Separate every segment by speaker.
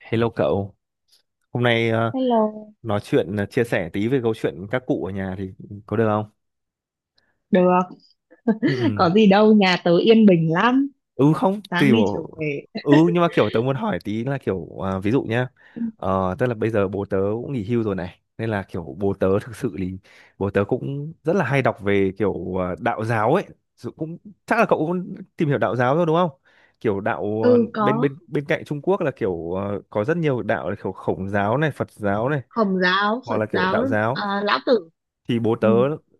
Speaker 1: Hello cậu, hôm nay
Speaker 2: Hello,
Speaker 1: nói chuyện, chia sẻ tí về câu chuyện các cụ ở nhà thì có được không?
Speaker 2: được.
Speaker 1: Ừ, ừ.
Speaker 2: Có gì đâu, nhà tớ yên bình lắm.
Speaker 1: Ừ, không,
Speaker 2: Sáng
Speaker 1: tùy
Speaker 2: đi chiều
Speaker 1: bộ.
Speaker 2: về.
Speaker 1: Ừ, nhưng mà kiểu tớ muốn hỏi tí là kiểu à, ví dụ nhá, tức là bây giờ bố tớ cũng nghỉ hưu rồi này, nên là kiểu bố tớ thực sự thì bố tớ cũng rất là hay đọc về kiểu đạo giáo ấy. Dù cũng chắc là cậu cũng tìm hiểu đạo giáo rồi đúng không? Kiểu đạo,
Speaker 2: Ừ,
Speaker 1: bên
Speaker 2: có.
Speaker 1: bên bên cạnh Trung Quốc là kiểu có rất nhiều đạo là kiểu Khổng giáo này, Phật giáo này,
Speaker 2: Hồng giáo,
Speaker 1: hoặc
Speaker 2: Phật
Speaker 1: là kiểu
Speaker 2: giáo.
Speaker 1: đạo giáo,
Speaker 2: À, Lão Tử.
Speaker 1: thì bố tớ
Speaker 2: Ừ.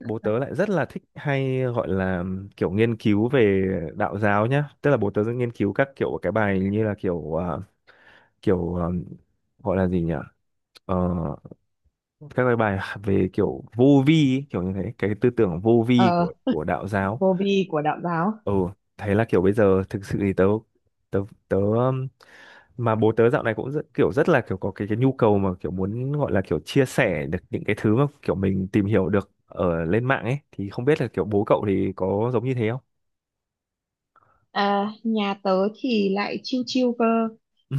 Speaker 1: bố tớ lại rất là thích hay gọi là kiểu nghiên cứu về đạo giáo nhá, tức là bố tớ rất nghiên cứu các kiểu cái bài như là kiểu à, kiểu à, gọi là gì nhỉ, Ờ, các cái bài về kiểu vô vi ấy, kiểu như thế cái tư tưởng vô vi
Speaker 2: Ờ,
Speaker 1: của đạo giáo.
Speaker 2: Vô vi của đạo giáo.
Speaker 1: Ừ, thế là kiểu bây giờ thực sự thì tớ tớ tớ mà bố tớ dạo này cũng rất, kiểu rất là kiểu có cái nhu cầu mà kiểu muốn gọi là kiểu chia sẻ được những cái thứ mà kiểu mình tìm hiểu được ở lên mạng ấy thì không biết là kiểu bố cậu thì có giống như thế không.
Speaker 2: À, nhà tớ thì lại chiêu chiêu cơ.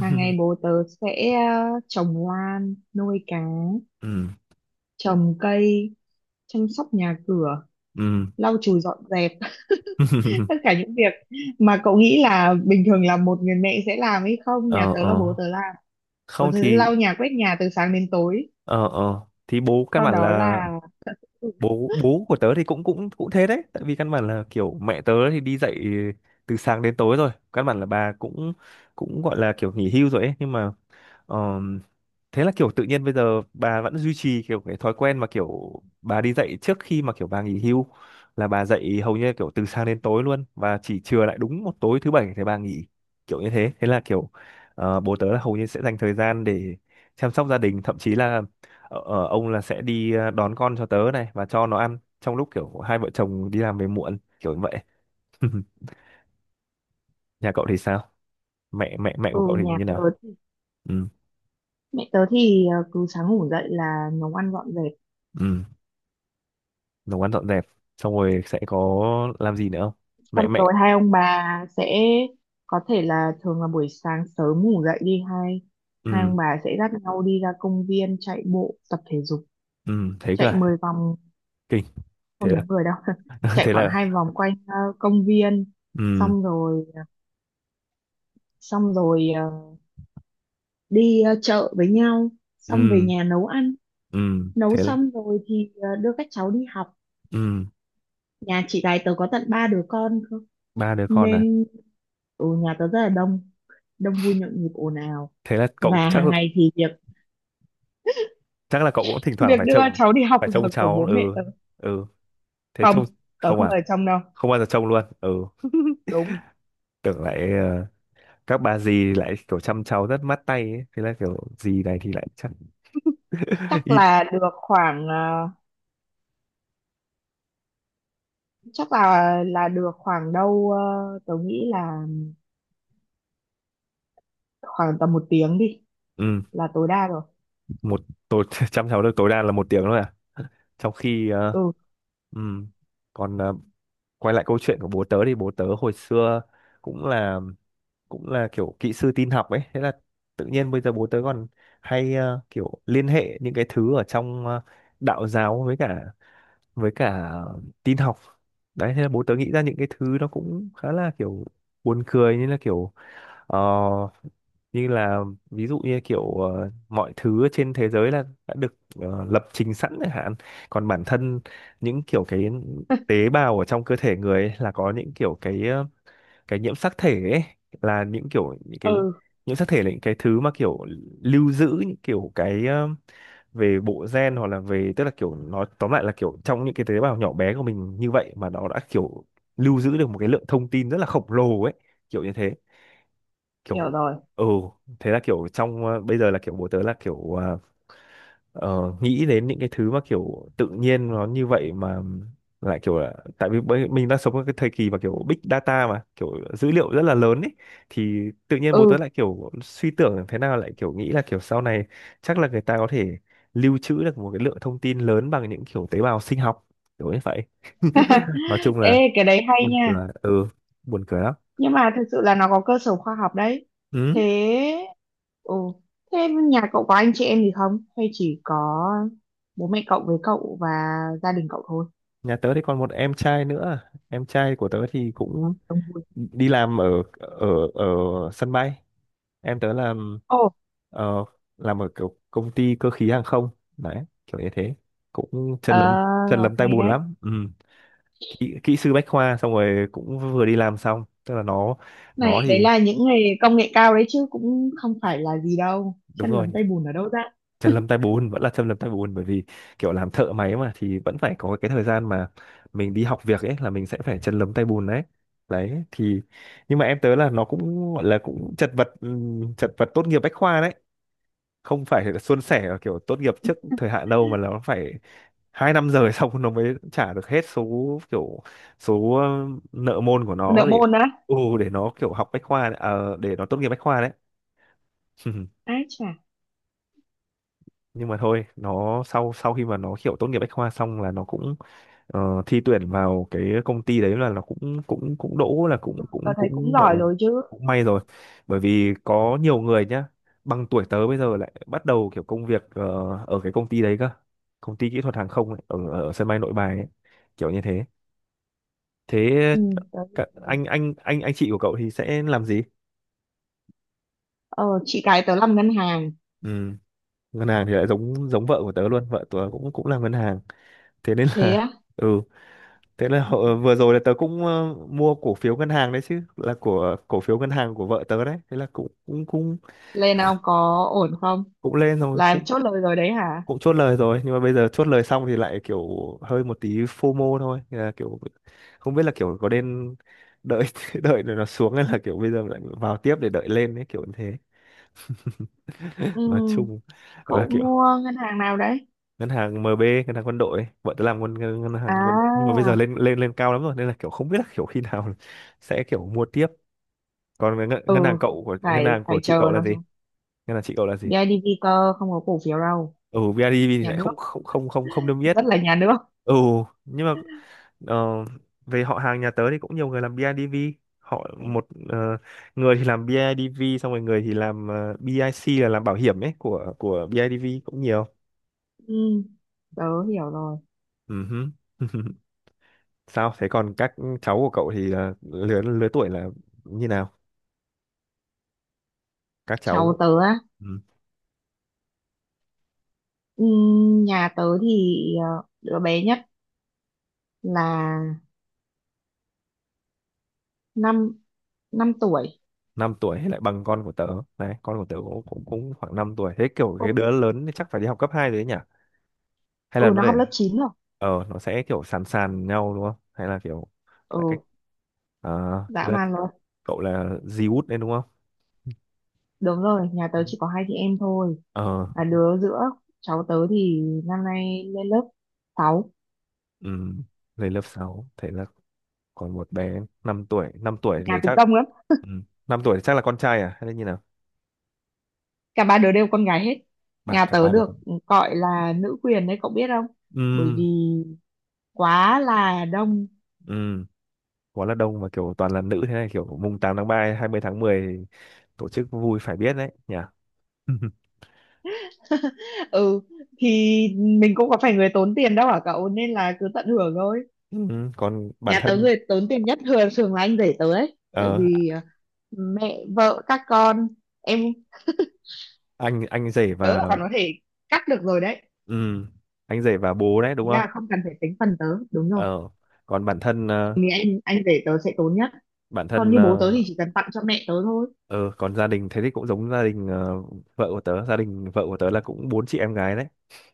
Speaker 2: Hàng ngày bố tớ sẽ trồng lan, nuôi cá,
Speaker 1: Ừ,
Speaker 2: trồng cây, chăm sóc nhà cửa,
Speaker 1: ừ.
Speaker 2: lau chùi dọn dẹp. Tất cả những việc mà cậu nghĩ là bình thường là một người mẹ sẽ làm hay không, nhà
Speaker 1: Ờ,
Speaker 2: tớ là
Speaker 1: ờ.
Speaker 2: bố tớ làm. Ủa,
Speaker 1: Không
Speaker 2: thế
Speaker 1: thì
Speaker 2: lau nhà quét nhà từ sáng đến tối,
Speaker 1: ờ, ờ, thì bố căn
Speaker 2: sau
Speaker 1: bản
Speaker 2: đó
Speaker 1: là
Speaker 2: là... Ừ.
Speaker 1: bố bố của tớ thì cũng cũng cũng thế đấy, tại vì căn bản là kiểu mẹ tớ thì đi dạy từ sáng đến tối rồi, căn bản là bà cũng cũng gọi là kiểu nghỉ hưu rồi ấy, nhưng mà thế là kiểu tự nhiên bây giờ bà vẫn duy trì kiểu cái thói quen mà kiểu bà đi dạy trước khi mà kiểu bà nghỉ hưu, là bà dạy hầu như kiểu từ sáng đến tối luôn và chỉ chừa lại đúng một tối thứ bảy thì bà nghỉ, kiểu như thế, thế là kiểu bố tớ là hầu như sẽ dành thời gian để chăm sóc gia đình, thậm chí là ông là sẽ đi đón con cho tớ này và cho nó ăn trong lúc kiểu hai vợ chồng đi làm về muộn, kiểu như vậy. Nhà cậu thì sao? Mẹ mẹ mẹ của cậu
Speaker 2: Ừ,
Speaker 1: thì
Speaker 2: nhà
Speaker 1: như
Speaker 2: tớ,
Speaker 1: nào? Ừ,
Speaker 2: mẹ tớ thì cứ sáng ngủ dậy là nấu ăn dọn dẹp.
Speaker 1: ừ, nấu ăn dọn dẹp xong rồi sẽ có làm gì nữa không?
Speaker 2: Xong
Speaker 1: Mẹ mẹ
Speaker 2: rồi hai ông bà sẽ có thể là thường là buổi sáng sớm ngủ dậy đi, hai hai
Speaker 1: Ừ,
Speaker 2: ông bà sẽ dắt nhau đi ra công viên chạy bộ tập thể dục,
Speaker 1: ừ, thế cơ
Speaker 2: chạy
Speaker 1: à?
Speaker 2: 10 vòng.
Speaker 1: Kinh. Thế
Speaker 2: Không
Speaker 1: là
Speaker 2: đến 10 đâu, chạy
Speaker 1: thế
Speaker 2: khoảng
Speaker 1: là
Speaker 2: hai vòng quanh công viên,
Speaker 1: ừ,
Speaker 2: xong rồi ờ, xong rồi ờ, đi chợ với nhau, xong về
Speaker 1: ừ
Speaker 2: nhà nấu ăn.
Speaker 1: ừ
Speaker 2: Nấu
Speaker 1: thế là,
Speaker 2: xong rồi thì đưa các cháu đi học.
Speaker 1: ừ.
Speaker 2: Nhà chị gái tớ có tận ba đứa con cơ,
Speaker 1: Ba đứa con à?
Speaker 2: nên ở nhà tớ rất là đông, đông vui nhộn nhịp ồn ào.
Speaker 1: Thế là cậu,
Speaker 2: Và
Speaker 1: chắc
Speaker 2: hàng ngày thì việc
Speaker 1: chắc là cậu cũng thỉnh thoảng
Speaker 2: việc
Speaker 1: phải
Speaker 2: đưa
Speaker 1: trông
Speaker 2: cháu đi học
Speaker 1: phải trông
Speaker 2: là của
Speaker 1: cháu.
Speaker 2: bố mẹ
Speaker 1: Ừ,
Speaker 2: tớ.
Speaker 1: ừ, thế
Speaker 2: Không,
Speaker 1: trông
Speaker 2: tớ
Speaker 1: không
Speaker 2: không
Speaker 1: à?
Speaker 2: ở trong đâu.
Speaker 1: Không bao giờ trông luôn. Ừ,
Speaker 2: Đúng.
Speaker 1: tưởng lại, các bà dì lại kiểu chăm cháu rất mát tay ấy. Thế là kiểu dì này thì lại chắc
Speaker 2: Chắc
Speaker 1: ít.
Speaker 2: là được khoảng chắc là được khoảng đâu tớ nghĩ là khoảng tầm một tiếng đi,
Speaker 1: Ừ,
Speaker 2: là tối đa rồi.
Speaker 1: một tối chăm cháu được tối đa là một tiếng thôi à? Trong khi
Speaker 2: Ừ.
Speaker 1: ừm, còn quay lại câu chuyện của bố tớ thì bố tớ hồi xưa cũng là cũng là kiểu kỹ sư tin học ấy, thế là tự nhiên bây giờ bố tớ còn hay kiểu liên hệ những cái thứ ở trong, đạo giáo với cả tin học đấy, thế là bố tớ nghĩ ra những cái thứ nó cũng khá là kiểu buồn cười, như là kiểu Ờ, như là, ví dụ như kiểu mọi thứ trên thế giới là đã được lập trình sẵn chẳng hạn. Còn bản thân những kiểu cái tế bào ở trong cơ thể người ấy là có những kiểu cái, cái nhiễm sắc thể ấy, là những kiểu những cái
Speaker 2: Ừ,
Speaker 1: nhiễm sắc thể là những cái thứ mà kiểu lưu giữ những kiểu cái, về bộ gen, hoặc là về, tức là kiểu nói tóm lại là kiểu trong những cái tế bào nhỏ bé của mình như vậy mà nó đã kiểu lưu giữ được một cái lượng thông tin rất là khổng lồ ấy, kiểu như thế,
Speaker 2: hiểu
Speaker 1: kiểu
Speaker 2: rồi.
Speaker 1: ừ. Thế là kiểu trong, bây giờ là kiểu bố tớ là kiểu nghĩ đến những cái thứ mà kiểu tự nhiên nó như vậy, mà lại kiểu là tại vì mình đang sống trong cái thời kỳ mà kiểu big data mà kiểu dữ liệu rất là lớn ấy, thì tự nhiên bố
Speaker 2: Ừ.
Speaker 1: tớ lại kiểu suy tưởng thế nào lại kiểu nghĩ là kiểu sau này chắc là người ta có thể lưu trữ được một cái lượng thông tin lớn bằng những kiểu tế bào sinh học, kiểu như vậy. Nói chung là
Speaker 2: Ê, cái đấy hay
Speaker 1: buồn
Speaker 2: nha.
Speaker 1: cười. Ừ, buồn cười lắm.
Speaker 2: Nhưng mà thực sự là nó có cơ sở khoa học đấy. Thế.
Speaker 1: Ừ,
Speaker 2: Ừ. Thế nhà cậu có anh chị em gì không, hay chỉ có bố mẹ cậu với cậu và gia đình cậu thôi?
Speaker 1: nhà tớ thì còn một em trai nữa, em trai của tớ thì cũng
Speaker 2: Đông vui.
Speaker 1: đi làm ở ở ở sân bay. Em tớ làm,
Speaker 2: Ồ.
Speaker 1: ờ, làm ở kiểu công ty cơ khí hàng không, đấy kiểu như thế, cũng
Speaker 2: Ờ.
Speaker 1: chân lấm tay
Speaker 2: Hay
Speaker 1: bùn
Speaker 2: đấy.
Speaker 1: lắm ừ. Kỹ sư bách khoa xong rồi cũng vừa đi làm xong, tức là nó
Speaker 2: Này,
Speaker 1: nó thì
Speaker 2: đấy là những nghề công nghệ cao đấy chứ, cũng không phải là gì đâu,
Speaker 1: đúng
Speaker 2: chân
Speaker 1: rồi,
Speaker 2: lấm tay bùn ở đâu ra.
Speaker 1: chân lâm tay bùn vẫn là chân lâm tay bùn, bởi vì kiểu làm thợ máy mà thì vẫn phải có cái thời gian mà mình đi học việc ấy là mình sẽ phải chân lấm tay bùn đấy, đấy thì nhưng mà em tớ là nó cũng gọi là cũng chật vật, chật vật tốt nghiệp bách khoa đấy, không phải là suôn sẻ ở kiểu tốt nghiệp trước thời hạn đâu, mà là nó phải 2 năm rồi xong nó mới trả được hết số, kiểu số nợ môn của
Speaker 2: Nợ
Speaker 1: nó để,
Speaker 2: môn á?
Speaker 1: ừ, để nó kiểu học bách khoa đấy, à, để nó tốt nghiệp bách khoa đấy.
Speaker 2: Ái chà.
Speaker 1: Nhưng mà thôi, nó sau sau khi mà nó kiểu tốt nghiệp bách khoa xong là nó cũng thi tuyển vào cái công ty đấy, là nó cũng cũng cũng đỗ, là cũng
Speaker 2: Tớ
Speaker 1: cũng
Speaker 2: thấy cũng
Speaker 1: cũng gọi
Speaker 2: giỏi
Speaker 1: là
Speaker 2: rồi chứ.
Speaker 1: cũng may rồi, bởi vì có nhiều người nhá, bằng tuổi tớ bây giờ lại bắt đầu kiểu công việc, ở cái công ty đấy cơ, công ty kỹ thuật hàng không ấy, ở ở sân bay Nội Bài ấy, kiểu như thế. Thế
Speaker 2: Ừ, tớ hiểu rồi.
Speaker 1: anh chị của cậu thì sẽ làm gì?
Speaker 2: Ờ, chị cái tớ làm ngân hàng.
Speaker 1: Ừ, ngân hàng thì lại giống giống vợ của tớ luôn, vợ tớ cũng cũng làm ngân hàng, thế nên
Speaker 2: Thế
Speaker 1: là
Speaker 2: á?
Speaker 1: ừ. Thế là vừa rồi là tớ cũng mua cổ phiếu ngân hàng đấy chứ, là của cổ phiếu ngân hàng của vợ tớ đấy. Thế là cũng cũng cũng
Speaker 2: Lên ông có ổn không?
Speaker 1: cũng lên rồi,
Speaker 2: Làm
Speaker 1: cũng
Speaker 2: chốt lời rồi đấy hả?
Speaker 1: cũng chốt lời rồi, nhưng mà bây giờ chốt lời xong thì lại kiểu hơi một tí FOMO thôi. Thế là kiểu không biết là kiểu có nên đợi đợi rồi nó xuống hay là kiểu bây giờ lại vào tiếp để đợi lên ấy, kiểu như thế. Nói
Speaker 2: Ừ.
Speaker 1: chung là
Speaker 2: Cậu
Speaker 1: kiểu
Speaker 2: mua ngân hàng nào đấy?
Speaker 1: ngân hàng MB, ngân hàng quân đội, ấy. Vợ tớ làm ngân ngân ngân hàng quân đội. Nhưng mà
Speaker 2: À.
Speaker 1: bây giờ lên lên lên cao lắm rồi, nên là kiểu không biết là kiểu khi nào sẽ kiểu mua tiếp. Còn
Speaker 2: Ừ,
Speaker 1: ngân hàng cậu, của ngân
Speaker 2: phải
Speaker 1: hàng của
Speaker 2: phải
Speaker 1: chị
Speaker 2: chờ
Speaker 1: cậu là
Speaker 2: nó
Speaker 1: gì,
Speaker 2: xuống.
Speaker 1: ngân hàng chị cậu là gì?
Speaker 2: BIDV cơ, không có cổ phiếu đâu.
Speaker 1: Ừ, BIDV thì
Speaker 2: Nhà
Speaker 1: lại
Speaker 2: nước,
Speaker 1: không không không không không đâm biết.
Speaker 2: rất là nhà nước.
Speaker 1: Ừ, nhưng mà, ờ, về họ hàng nhà tớ thì cũng nhiều người làm BIDV, họ một, người thì làm BIDV xong rồi người thì làm, BIC là làm bảo hiểm ấy của BIDV cũng nhiều.
Speaker 2: Ừ, tớ hiểu rồi.
Speaker 1: Ừ hứ. Sao thế, còn các cháu của cậu thì là lứa lứa tuổi là như nào, các
Speaker 2: Cháu
Speaker 1: cháu?
Speaker 2: tớ á?
Speaker 1: Ừ,
Speaker 2: Ừ, nhà tớ thì đứa bé nhất là năm năm tuổi.
Speaker 1: 5 tuổi thì lại bằng con của tớ đấy, con của tớ cũng cũng, cũng khoảng 5 tuổi, thế kiểu
Speaker 2: Ừ.
Speaker 1: cái đứa lớn thì chắc phải đi học cấp 2 rồi đấy nhỉ, hay
Speaker 2: Ừ,
Speaker 1: là nó
Speaker 2: nó học
Speaker 1: để,
Speaker 2: lớp chín rồi.
Speaker 1: ờ, nó sẽ kiểu sàn sàn nhau đúng không, hay là kiểu là cách,
Speaker 2: Ừ.
Speaker 1: à, thế
Speaker 2: Dã
Speaker 1: là
Speaker 2: man luôn.
Speaker 1: cậu là di út đấy đúng không,
Speaker 2: Đúng rồi, nhà tớ chỉ có hai chị em thôi,
Speaker 1: ờ.
Speaker 2: là đứa giữa. Cháu tớ thì năm nay lên lớp sáu.
Speaker 1: Ừ, lên lớp 6. Thế là còn một bé 5 tuổi, 5 tuổi thì
Speaker 2: Nhà cũng
Speaker 1: chắc
Speaker 2: đông lắm.
Speaker 1: ừ. 5 tuổi thì chắc là con trai à hay là như nào?
Speaker 2: Cả ba đứa đều con gái hết.
Speaker 1: Bà,
Speaker 2: Nhà
Speaker 1: cả
Speaker 2: tớ
Speaker 1: ba đứa con.
Speaker 2: được gọi là nữ quyền đấy cậu biết không, bởi vì
Speaker 1: Ừ,
Speaker 2: quá là đông.
Speaker 1: ừ, quá là đông và kiểu toàn là nữ thế này, kiểu mùng 8 tháng 3, 20 tháng 10, tổ chức vui phải biết đấy nhỉ.
Speaker 2: Ừ, thì mình cũng có phải người tốn tiền đâu hả cậu, nên là cứ tận hưởng thôi.
Speaker 1: Ừ. Còn bản
Speaker 2: Nhà tớ
Speaker 1: thân
Speaker 2: người tốn tiền nhất thường thường là anh rể tớ ấy, tại
Speaker 1: ờ,
Speaker 2: vì mẹ vợ các con. Em
Speaker 1: anh rể
Speaker 2: tớ là
Speaker 1: và
Speaker 2: còn có thể cắt được rồi đấy.
Speaker 1: ừ, anh rể và bố đấy đúng
Speaker 2: Ý
Speaker 1: không?
Speaker 2: là không cần phải tính phần tớ, đúng rồi.
Speaker 1: ờ Còn
Speaker 2: Thì anh rể tớ sẽ tốn nhất.
Speaker 1: bản
Speaker 2: Còn
Speaker 1: thân
Speaker 2: như bố
Speaker 1: ờ
Speaker 2: tớ thì chỉ cần tặng cho mẹ tớ thôi.
Speaker 1: ờ, còn gia đình thế thì cũng giống vợ của tớ gia đình vợ của tớ là cũng bốn chị em gái đấy.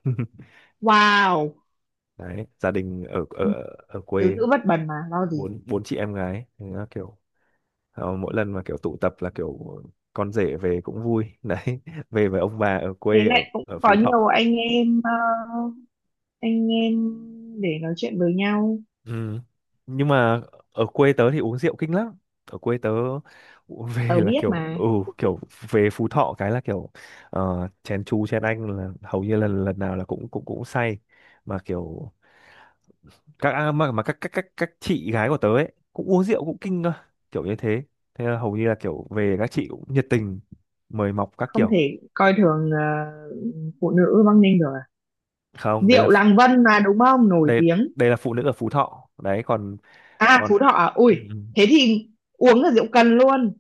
Speaker 2: Wow.
Speaker 1: Đấy, gia đình ở ở
Speaker 2: Ừ,
Speaker 1: ở
Speaker 2: tứ
Speaker 1: quê.
Speaker 2: nữ bất bần mà lo gì.
Speaker 1: Bốn Bốn chị em gái. Thế là mỗi lần mà kiểu tụ tập là kiểu con rể về cũng vui đấy. Về với ông bà ở
Speaker 2: Thế
Speaker 1: quê, ở
Speaker 2: lại cũng
Speaker 1: ở
Speaker 2: có
Speaker 1: Phú Thọ.
Speaker 2: nhiều anh em anh em để nói chuyện với nhau.
Speaker 1: Ừ. Nhưng mà ở quê tớ thì uống rượu kinh lắm. Ở quê tớ về
Speaker 2: Tớ
Speaker 1: là
Speaker 2: biết
Speaker 1: kiểu ừ
Speaker 2: mà.
Speaker 1: kiểu về Phú Thọ cái là chén chú chén anh là hầu như lần lần nào là cũng cũng cũng say, mà kiểu các à, mà các chị gái của tớ ấy cũng uống rượu cũng kinh cơ, kiểu như thế. Thế là hầu như là kiểu về các chị cũng nhiệt tình mời mọc các
Speaker 2: Không
Speaker 1: kiểu.
Speaker 2: thể coi thường phụ nữ Bắc Ninh được à.
Speaker 1: Không,
Speaker 2: Rượu Làng Vân mà, đúng không, nổi
Speaker 1: đây
Speaker 2: tiếng.
Speaker 1: đây là phụ nữ ở Phú Thọ. Đấy còn
Speaker 2: À,
Speaker 1: còn
Speaker 2: Phú Thọ à? Ui,
Speaker 1: ừ. Ừ.
Speaker 2: thế thì uống là rượu cần luôn.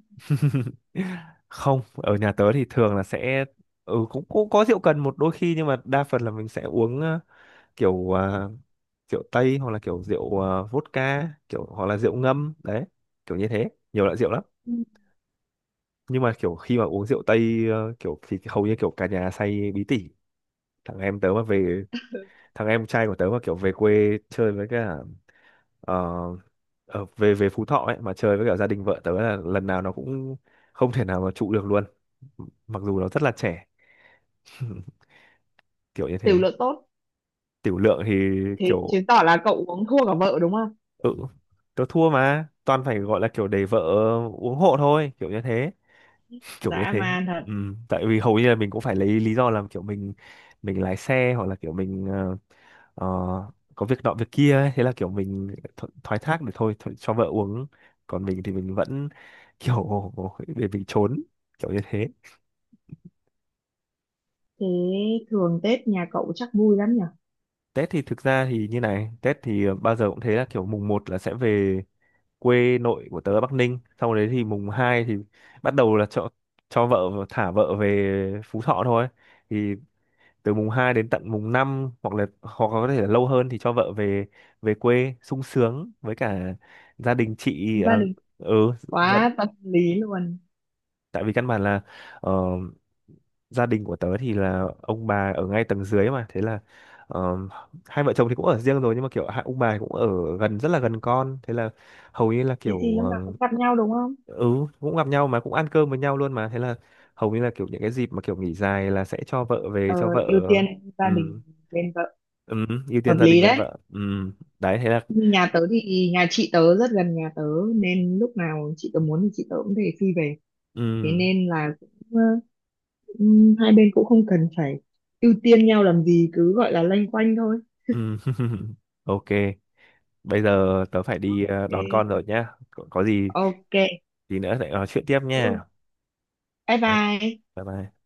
Speaker 1: Không, ở nhà tớ thì thường là sẽ ừ cũng cũng có rượu cần một đôi khi, nhưng mà đa phần là mình sẽ uống kiểu ờ, rượu tây hoặc là kiểu vodka, kiểu hoặc là rượu ngâm đấy, kiểu như thế, nhiều loại rượu lắm.
Speaker 2: Ừ,
Speaker 1: Nhưng mà kiểu khi mà uống rượu tây kiểu thì hầu như kiểu cả nhà say bí tỉ. thằng em tớ mà về Thằng em trai của tớ mà kiểu về quê chơi với cả, uh, về về Phú Thọ ấy, mà chơi với cả gia đình vợ tớ là lần nào nó cũng không thể nào mà trụ được luôn, mặc dù nó rất là trẻ. Kiểu như
Speaker 2: tiểu
Speaker 1: thế.
Speaker 2: lượng tốt.
Speaker 1: Tiểu lượng thì
Speaker 2: Thế
Speaker 1: kiểu
Speaker 2: chứng tỏ là cậu uống thua cả vợ đúng không?
Speaker 1: ừ tớ thua, mà toàn phải gọi là kiểu để vợ uống hộ thôi, kiểu như thế, kiểu như
Speaker 2: Dã
Speaker 1: thế.
Speaker 2: man thật.
Speaker 1: Ừ. Tại vì hầu như là mình cũng phải lấy lý do là kiểu mình lái xe hoặc là kiểu mình ờ, có việc nọ việc kia ấy. Thế là kiểu mình thoái thác được thôi, thôi cho vợ uống, còn mình thì mình vẫn kiểu để mình trốn, kiểu như thế.
Speaker 2: Thế thường Tết nhà cậu chắc vui lắm nhỉ.
Speaker 1: Tết thì thực ra thì như này, Tết thì bao giờ cũng thế, là kiểu mùng một là sẽ về quê nội của tớ ở Bắc Ninh, sau đấy thì mùng 2 thì bắt đầu là cho vợ, thả vợ về Phú Thọ thôi. Thì từ mùng 2 đến tận mùng 5 hoặc là hoặc có thể là lâu hơn thì cho vợ về, về quê sung sướng với cả gia đình chị à,
Speaker 2: Gia đình.
Speaker 1: ừ. Dạ,
Speaker 2: Quá tâm lý luôn.
Speaker 1: tại vì căn bản là ờ, gia đình của tớ thì là ông bà ở ngay tầng dưới mà, thế là ờ, hai vợ chồng thì cũng ở riêng rồi, nhưng mà kiểu hai ông bà cũng ở gần, rất là gần con, thế là hầu như là
Speaker 2: Thế thì
Speaker 1: kiểu
Speaker 2: lúc nào
Speaker 1: ờ,
Speaker 2: cũng gặp nhau đúng không?
Speaker 1: ừ cũng gặp nhau mà cũng ăn cơm với nhau luôn, mà thế là hầu như là kiểu những cái dịp mà kiểu nghỉ dài là sẽ cho vợ về,
Speaker 2: Ờ,
Speaker 1: cho vợ
Speaker 2: ưu tiên gia
Speaker 1: ừ
Speaker 2: đình bên vợ.
Speaker 1: ừ ưu
Speaker 2: Hợp
Speaker 1: tiên gia đình
Speaker 2: lý
Speaker 1: bên
Speaker 2: đấy.
Speaker 1: vợ, ừ đấy thế là
Speaker 2: Như nhà tớ thì nhà chị tớ rất gần nhà tớ, nên lúc nào chị tớ muốn thì chị tớ cũng thể phi về.
Speaker 1: ừ
Speaker 2: Thế nên là cũng, hai bên cũng không cần phải ưu tiên nhau làm gì, cứ gọi là loanh quanh thôi.
Speaker 1: ừ. Ok, bây giờ tớ phải đi đón
Speaker 2: Thế,
Speaker 1: con rồi nhá, có gì
Speaker 2: ok.
Speaker 1: tí nữa lại nói chuyện tiếp
Speaker 2: Ừ,
Speaker 1: nha.
Speaker 2: bye
Speaker 1: Đấy,
Speaker 2: bye.
Speaker 1: bye bye.